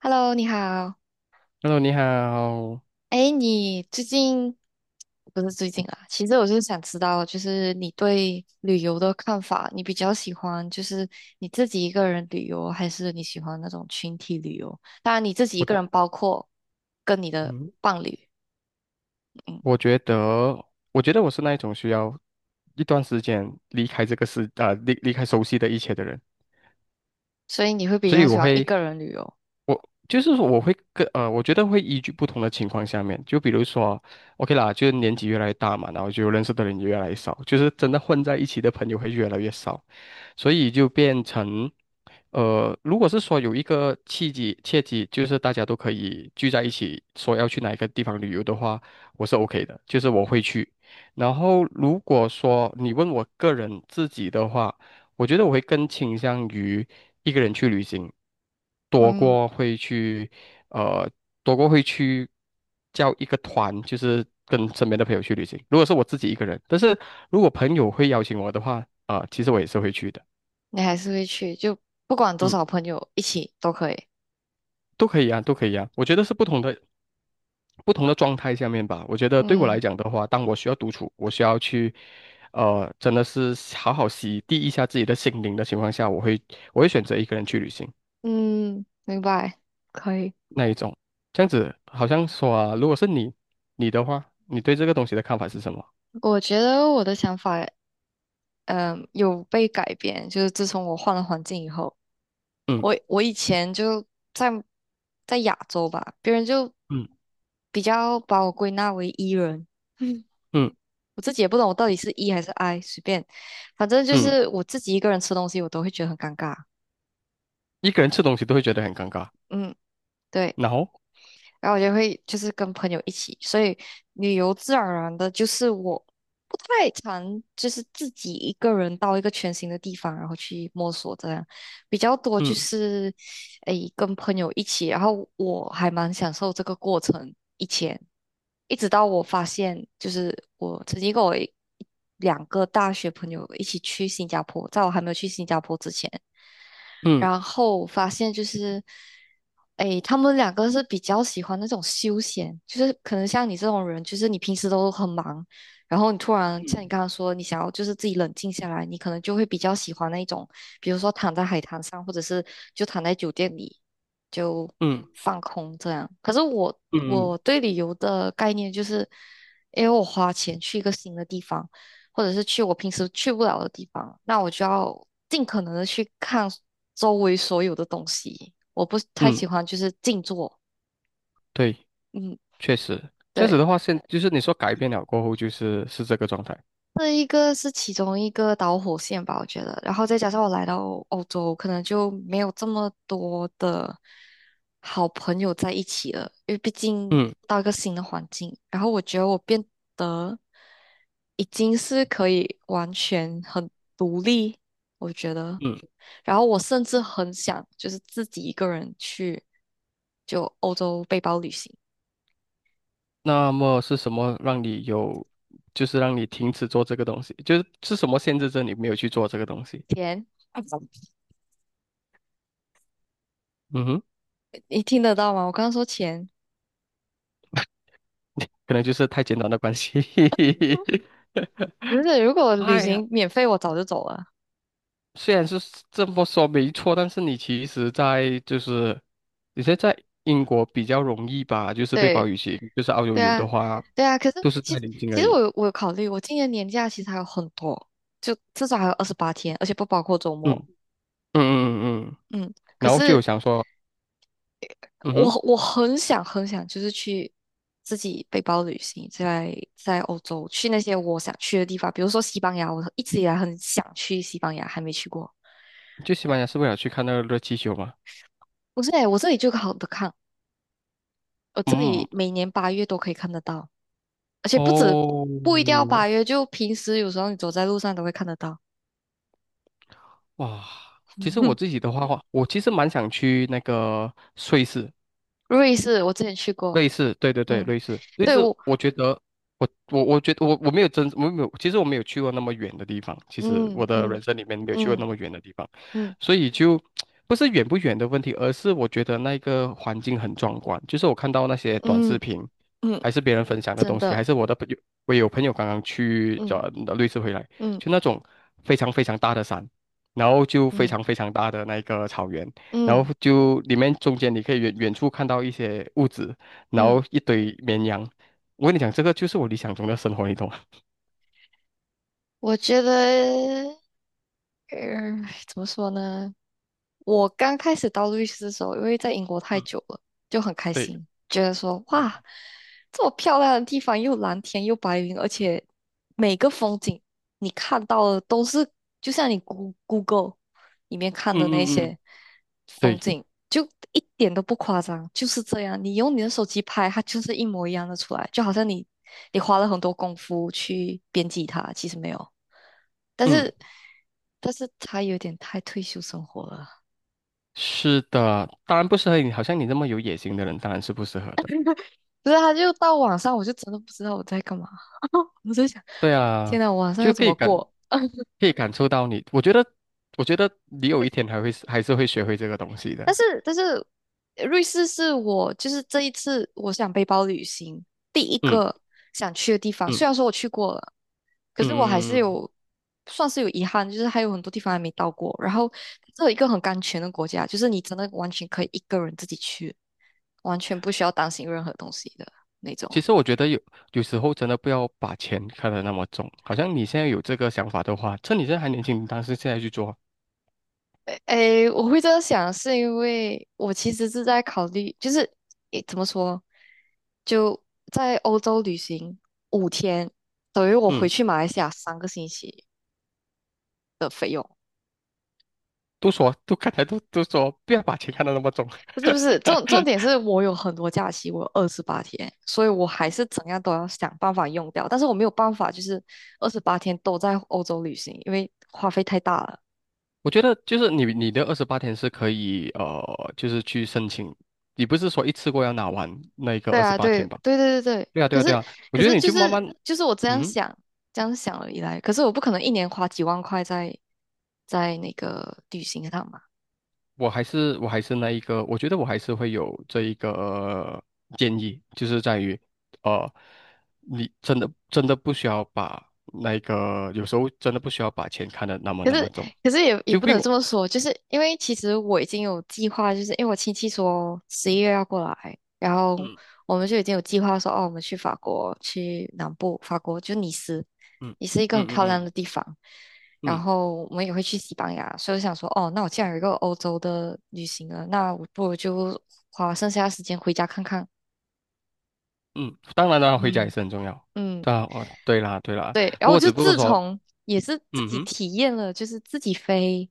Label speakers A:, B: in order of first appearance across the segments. A: Hello，你好。
B: Hello，你好。
A: 哎，你最近不是最近啊？其实我就是想知道，就是你对旅游的看法，你比较喜欢就是你自己一个人旅游，还是你喜欢那种群体旅游？当然，你自己一
B: 我
A: 个
B: 觉，
A: 人包括跟你的
B: 嗯，
A: 伴侣，嗯，
B: 我觉得，我觉得我是那一种需要一段时间离开这个世，啊、离离开熟悉的一切的人，
A: 所以你会比
B: 所
A: 较
B: 以
A: 喜
B: 我
A: 欢一
B: 会，
A: 个人旅游，
B: 我就是说我会跟，呃，我觉得会依据不同的情况下面，就比如说，OK 啦，就是年纪越来越大嘛，然后就认识的人也越来越少，就是真的混在一起的朋友会越来越少，所以就变成，呃，如果是说有一个契机，契机就是大家都可以聚在一起，说要去哪一个地方旅游的话，我是 OK 的，就是我会去。然后如果说你问我个人自己的话，我觉得我会更倾向于一个人去旅行，多
A: 嗯，
B: 过会去，呃，多过会去叫一个团，就是跟身边的朋友去旅行。如果是我自己一个人，但是如果朋友会邀请我的话，其实我也是会去的。
A: 你还是会去，就不管多
B: 嗯，
A: 少朋友一起都可以，
B: 都可以啊，都可以啊。我觉得是不同的状态下面吧。我觉得对我
A: 嗯
B: 来讲的话，当我需要独处，我需要去，呃，真的是好好洗涤一下自己的心灵的情况下，我会选择一个人去旅行
A: 嗯，明白，可以。
B: 那一种。这样子好像说啊，如果是你的话，你对这个东西的看法是什么？
A: 我觉得我的想法。嗯，有被改变，就是自从我换了环境以后，我
B: 嗯
A: 我以前就在在亚洲吧，别人就
B: 嗯
A: 比较把我归纳为 E 人，
B: 嗯
A: 我自己也不懂我到底是 E 还是 I，随便，反正就
B: 嗯，
A: 是我自己一个人吃东西，我都会觉得很尴尬。
B: 一个人吃东西都会觉得很尴尬。
A: 嗯，对。
B: 然后，
A: 然后我就会就是跟朋友一起，所以旅游自然而然的就是我不太常就是自己一个人到一个全新的地方，然后去摸索这样，比较多就
B: 嗯
A: 是诶跟朋友一起，然后我还蛮享受这个过程，以前一直到我发现就是我曾经跟我一两个大学朋友一起去新加坡，在我还没有去新加坡之前。
B: 嗯
A: 然后发现就是，诶，他们两个是比较喜欢那种休闲，就是可能像你这种人，就是你平时都很忙，然后你突然像你
B: 嗯
A: 刚刚说，你想要就是自己冷静下来，你可能就会比较喜欢那种，比如说躺在海滩上，或者是就躺在酒店里就
B: 嗯
A: 放空这样。可是我
B: 嗯
A: 我对旅游的概念就是，因为我花钱去一个新的地方。或者是去我平时去不了的地方，那我就要尽可能的去看周围所有的东西。我不太喜
B: 嗯，
A: 欢就是静坐，
B: 对。
A: 嗯，
B: 确实，这样子
A: 对。
B: 的话，就是你说改变了过后，就是这个状态。
A: 这一个是其中一个导火线吧，我觉得。然后再加上我来到欧洲，可能就没有这么多的好朋友在一起了，因为毕竟
B: 嗯
A: 到一个新的环境。然后我觉得我变得已经是可以完全很独立，我觉得。
B: 嗯，
A: 然后我甚至很想就是自己一个人去就欧洲背包旅行。
B: 那么是什么让你有，就是让你停止做这个东西？就是是什么限制着你没有去做这个东西？
A: 钱，
B: 嗯哼，
A: 你听得到吗？我刚刚说钱。
B: 可能就是太简单的关系。
A: 不是，如果旅
B: 哎呀，
A: 行免费，我早就走了。
B: 虽然是这么说没错，但是你其实在就是你现在在英国比较容易吧，就是被保
A: 对，
B: 语系，就是澳洲
A: 对
B: 有的
A: 啊，
B: 话
A: 对啊。可是
B: 都是
A: 其
B: 在临近
A: 其
B: 而
A: 实我
B: 已。
A: 有我有考虑，我今年年假其实还有很多，就至少还有二十八天，而且不包括周
B: 嗯
A: 末。
B: 嗯嗯嗯。
A: 嗯，可
B: 然后就有
A: 是
B: 想说，嗯
A: 我
B: 哼。
A: 我很想很想，就是去自己背包旅行，在欧洲去那些我想去的地方，比如说西班牙，我一直以来很想去西班牙，还没去过。
B: 去西班牙是为了去看那个热气球吗？
A: 不是欸，我这里就好的看，我这
B: 嗯，
A: 里每年八月都可以看得到。而且不止
B: 哦，
A: 不一定要八月，就平时有时候你走在路上都会看得到。
B: 哇，其实我 自己的话，我其实蛮想去那个瑞士，
A: 瑞士我之前去过，
B: 类似，对对对，
A: 嗯，
B: 类似类
A: 对
B: 似。
A: 我，
B: 我觉得，我我没有真，我没有，其实我没有去过那么远的地方。其实
A: 嗯
B: 我的
A: 嗯
B: 人生里面没有去过
A: 嗯
B: 那么远的地方，
A: 嗯
B: 所以就不是远不远的问题，而是我觉得那个环境很壮观。就是我看到那些短视
A: 嗯
B: 频，
A: 嗯，
B: 还是别人分享的
A: 真
B: 东西，还
A: 的，
B: 是我的朋友，我有朋友刚刚去
A: 嗯
B: 瑞士回来，
A: 嗯
B: 就那种非常非常大的山。然后就非
A: 嗯
B: 常非常大的那个草原，然
A: 嗯
B: 后就里面中间你可以远远处看到一些物质。然
A: 嗯，
B: 后一堆绵羊。我跟你讲，这个就是我理想中的生活，你懂吗？
A: 我觉得，呃，怎么说呢？我刚开始当律师的时候，因为在英国太
B: 嗯
A: 久了，就很开
B: 对，
A: 心，觉得说哇，
B: 嗯
A: 这么漂亮的地方，又蓝天又白云，而且每个风景你看到的都是，就像你 Google 里面看
B: 嗯
A: 的那
B: 嗯
A: 些
B: 嗯，
A: 风
B: 对，
A: 景，就一点都不夸张，就是这样。你用你的手机拍，它就是一模一样的出来，就好像你花了很多功夫去编辑它，其实没有，但
B: 嗯，
A: 是它有点太退休生活了。
B: 是的，当然不适合你，好像你那么有野心的人，当然是不适合的。
A: 不是，他就到晚上，我就真的不知道我在干嘛。我在想，
B: 对
A: 天
B: 啊，
A: 呐，我晚上要
B: 就
A: 怎
B: 可以
A: 么
B: 感
A: 过？
B: 可以感受到你，我觉得你有一天 还是会学会这个东西
A: 但
B: 的。
A: 是，但是，瑞士是我就是这一次我想背包旅行第一
B: 嗯
A: 个想去的地方。虽然
B: 嗯
A: 说我去过了，可是我还
B: 嗯嗯
A: 是
B: 嗯。
A: 算是有遗憾，就是还有很多地方还没到过。然后，这有一个很安全的国家，就是你真的完全可以一个人自己去，完全不需要担心任何东西的那
B: 其
A: 种。
B: 实我觉得有时候真的不要把钱看得那么重，好像你现在有这个想法的话，趁你现在还年轻，你当时现在去做。
A: 诶，我会这样想，是因为我其实是在考虑，就是诶，怎么说，就在欧洲旅行5 天，等于我回
B: 嗯。
A: 去马来西亚3 个星期。
B: 都说，都刚才都都说，不要把钱看得那么重。
A: 不是不是，重点 是我有很多假期，我有二十八天，所以我还是怎样都要想办法用掉。但是我没有办法，就是二十八天都在欧洲旅行，因为花费太大了。
B: 我觉得就是你的二十八天是可以，就是去申请，你不是说一次过要拿完那一个
A: 对
B: 二十
A: 啊，
B: 八
A: 对
B: 天吧？
A: 对对对对，
B: 对啊，对
A: 可
B: 啊，对
A: 是
B: 啊。我
A: 可
B: 觉
A: 是
B: 得你
A: 就
B: 就慢
A: 是
B: 慢，
A: 就是我这样
B: 嗯，
A: 想这样想了以来，可是我不可能一年花几万块在那个旅行上嘛。
B: 我还是那一个，我觉得我还是会有这一个建议，就是在于，呃，你真的真的不需要把那个，有时候真的不需要把钱看得那么
A: 可
B: 那么
A: 是，
B: 重。
A: 可是也
B: 就
A: 不
B: 比
A: 能
B: 用，
A: 这么说，就是因为其实我已经有计划，就是因为我亲戚说11 月要过来，然后我们就已经有计划说，哦，我们去法国，去南部，法国就尼斯，
B: 嗯嗯嗯
A: 也是一个很
B: 嗯
A: 漂
B: 嗯
A: 亮的
B: 嗯。
A: 地方。然
B: 嗯
A: 后我们也会去西班牙，所以我想说，哦，那我既然有一个欧洲的旅行了，那我不如就花剩下的时间回家看看。
B: 嗯，当然了，回家也
A: 嗯，
B: 是很重要。
A: 嗯，
B: 对啊，哦，对啦，对啦。
A: 对，然后我就
B: 只不过
A: 自
B: 说，
A: 从也是自
B: 嗯
A: 己
B: 哼，
A: 体验了，就是自己飞，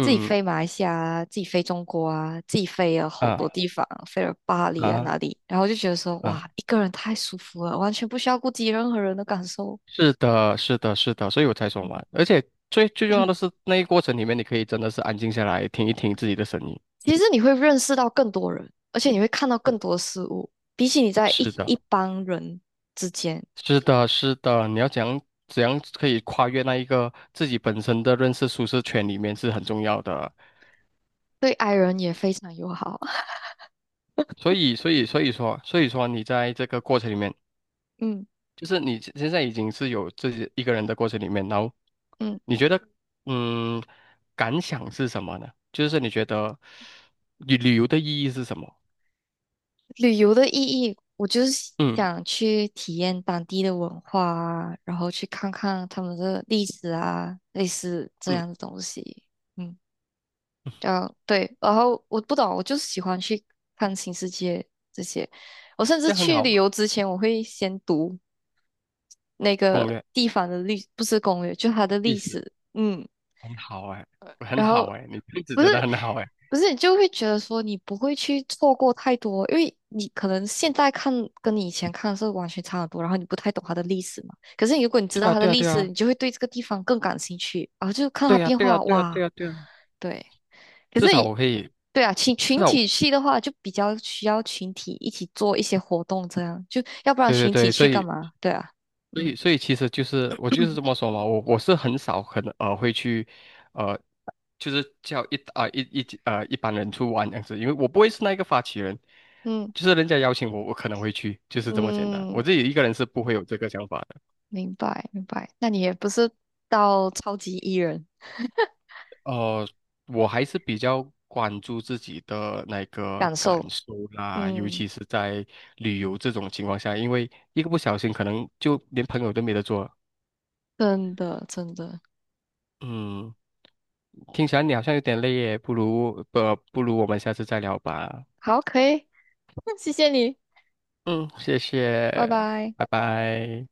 A: 自己
B: 嗯
A: 飞马来西亚啊自己飞中国啊，自己飞了好多
B: 啊
A: 地方，飞了巴黎啊
B: 啊
A: 哪里，然后就觉得说
B: 啊，
A: 哇，一个人太舒服了，完全不需要顾及任何人的感受。
B: 是的，是的，是的，所以我才说
A: 嗯
B: 嘛。而且最最重要的是，那一过程里面，你可以真的是安静下来，听一听自己的声音。
A: 其实你会认识到更多人，而且你会看到更多事物，比起你在
B: 是
A: 一
B: 的，
A: 一帮人之间，
B: 是的，是的。你要怎样可以跨越那一个自己本身的认识舒适圈里面是很重要的。
A: 对 i 人也非常友好。
B: 所以说你在这个过程里面。
A: 嗯
B: 就是你现在已经是有自己一个人的过程里面，然后
A: 嗯。
B: 你觉得，嗯，感想是什么呢？就是你觉得旅游的意义是什么？
A: 旅游的意义，我就是
B: 嗯
A: 想去体验当地的文化啊，然后去看看他们的历史啊，类似这
B: 嗯，
A: 样的东西。嗯，然后对，然后我不懂，我就是喜欢去看新世界这些。我甚至
B: 这样很
A: 去
B: 好
A: 旅
B: 啊。
A: 游之前，我会先读那
B: 攻
A: 个
B: 略
A: 地方的历，不是攻略，就它的
B: 历
A: 历
B: 史，
A: 史。嗯，
B: 很好哎，很
A: 然后
B: 好哎，你历史
A: 不是
B: 真的很好哎。
A: 不是，你就会觉得说你不会去错过太多，因为你可能现在看跟你以前看是完全差很多，然后你不太懂它的历史嘛。可是如果你知
B: 对
A: 道
B: 啊
A: 它的
B: 对啊
A: 历
B: 对
A: 史，
B: 啊
A: 你就会对这个地方更感兴趣，然后就看它
B: 对啊
A: 变
B: 对啊
A: 化，
B: 对啊
A: 哇，
B: 对啊对啊，
A: 对。可
B: 至
A: 是
B: 少我
A: 你
B: 可以，
A: 对啊，群
B: 至
A: 群
B: 少我
A: 体去的话，就比较需要群体一起做一些活动，这样就要不然
B: 对对
A: 群体
B: 对，所
A: 去干
B: 以
A: 嘛？对啊，
B: 所
A: 嗯
B: 以所以其实就是我就是这么说嘛，我是很少可能会去。呃。就是叫一啊、一一呃一般人去玩这样子，因为我不会是那一个发起人，
A: 嗯
B: 就是人家邀请我，我可能会去，就是这么简单。
A: 嗯，
B: 我自己一个人是不会有这个想法的。
A: 明白明白。那你也不是到超级艺人
B: 呃，我还是比较关注自己的那个
A: 感
B: 感
A: 受。
B: 受啦，尤
A: 嗯，
B: 其是在旅游这种情况下，因为一个不小心可能就连朋友都没得做。
A: 真的真的，
B: 嗯，听起来你好像有点累耶，不如我们下次再聊吧。
A: 好，可以，谢谢你，
B: 嗯，谢
A: 拜
B: 谢，
A: 拜。
B: 拜拜。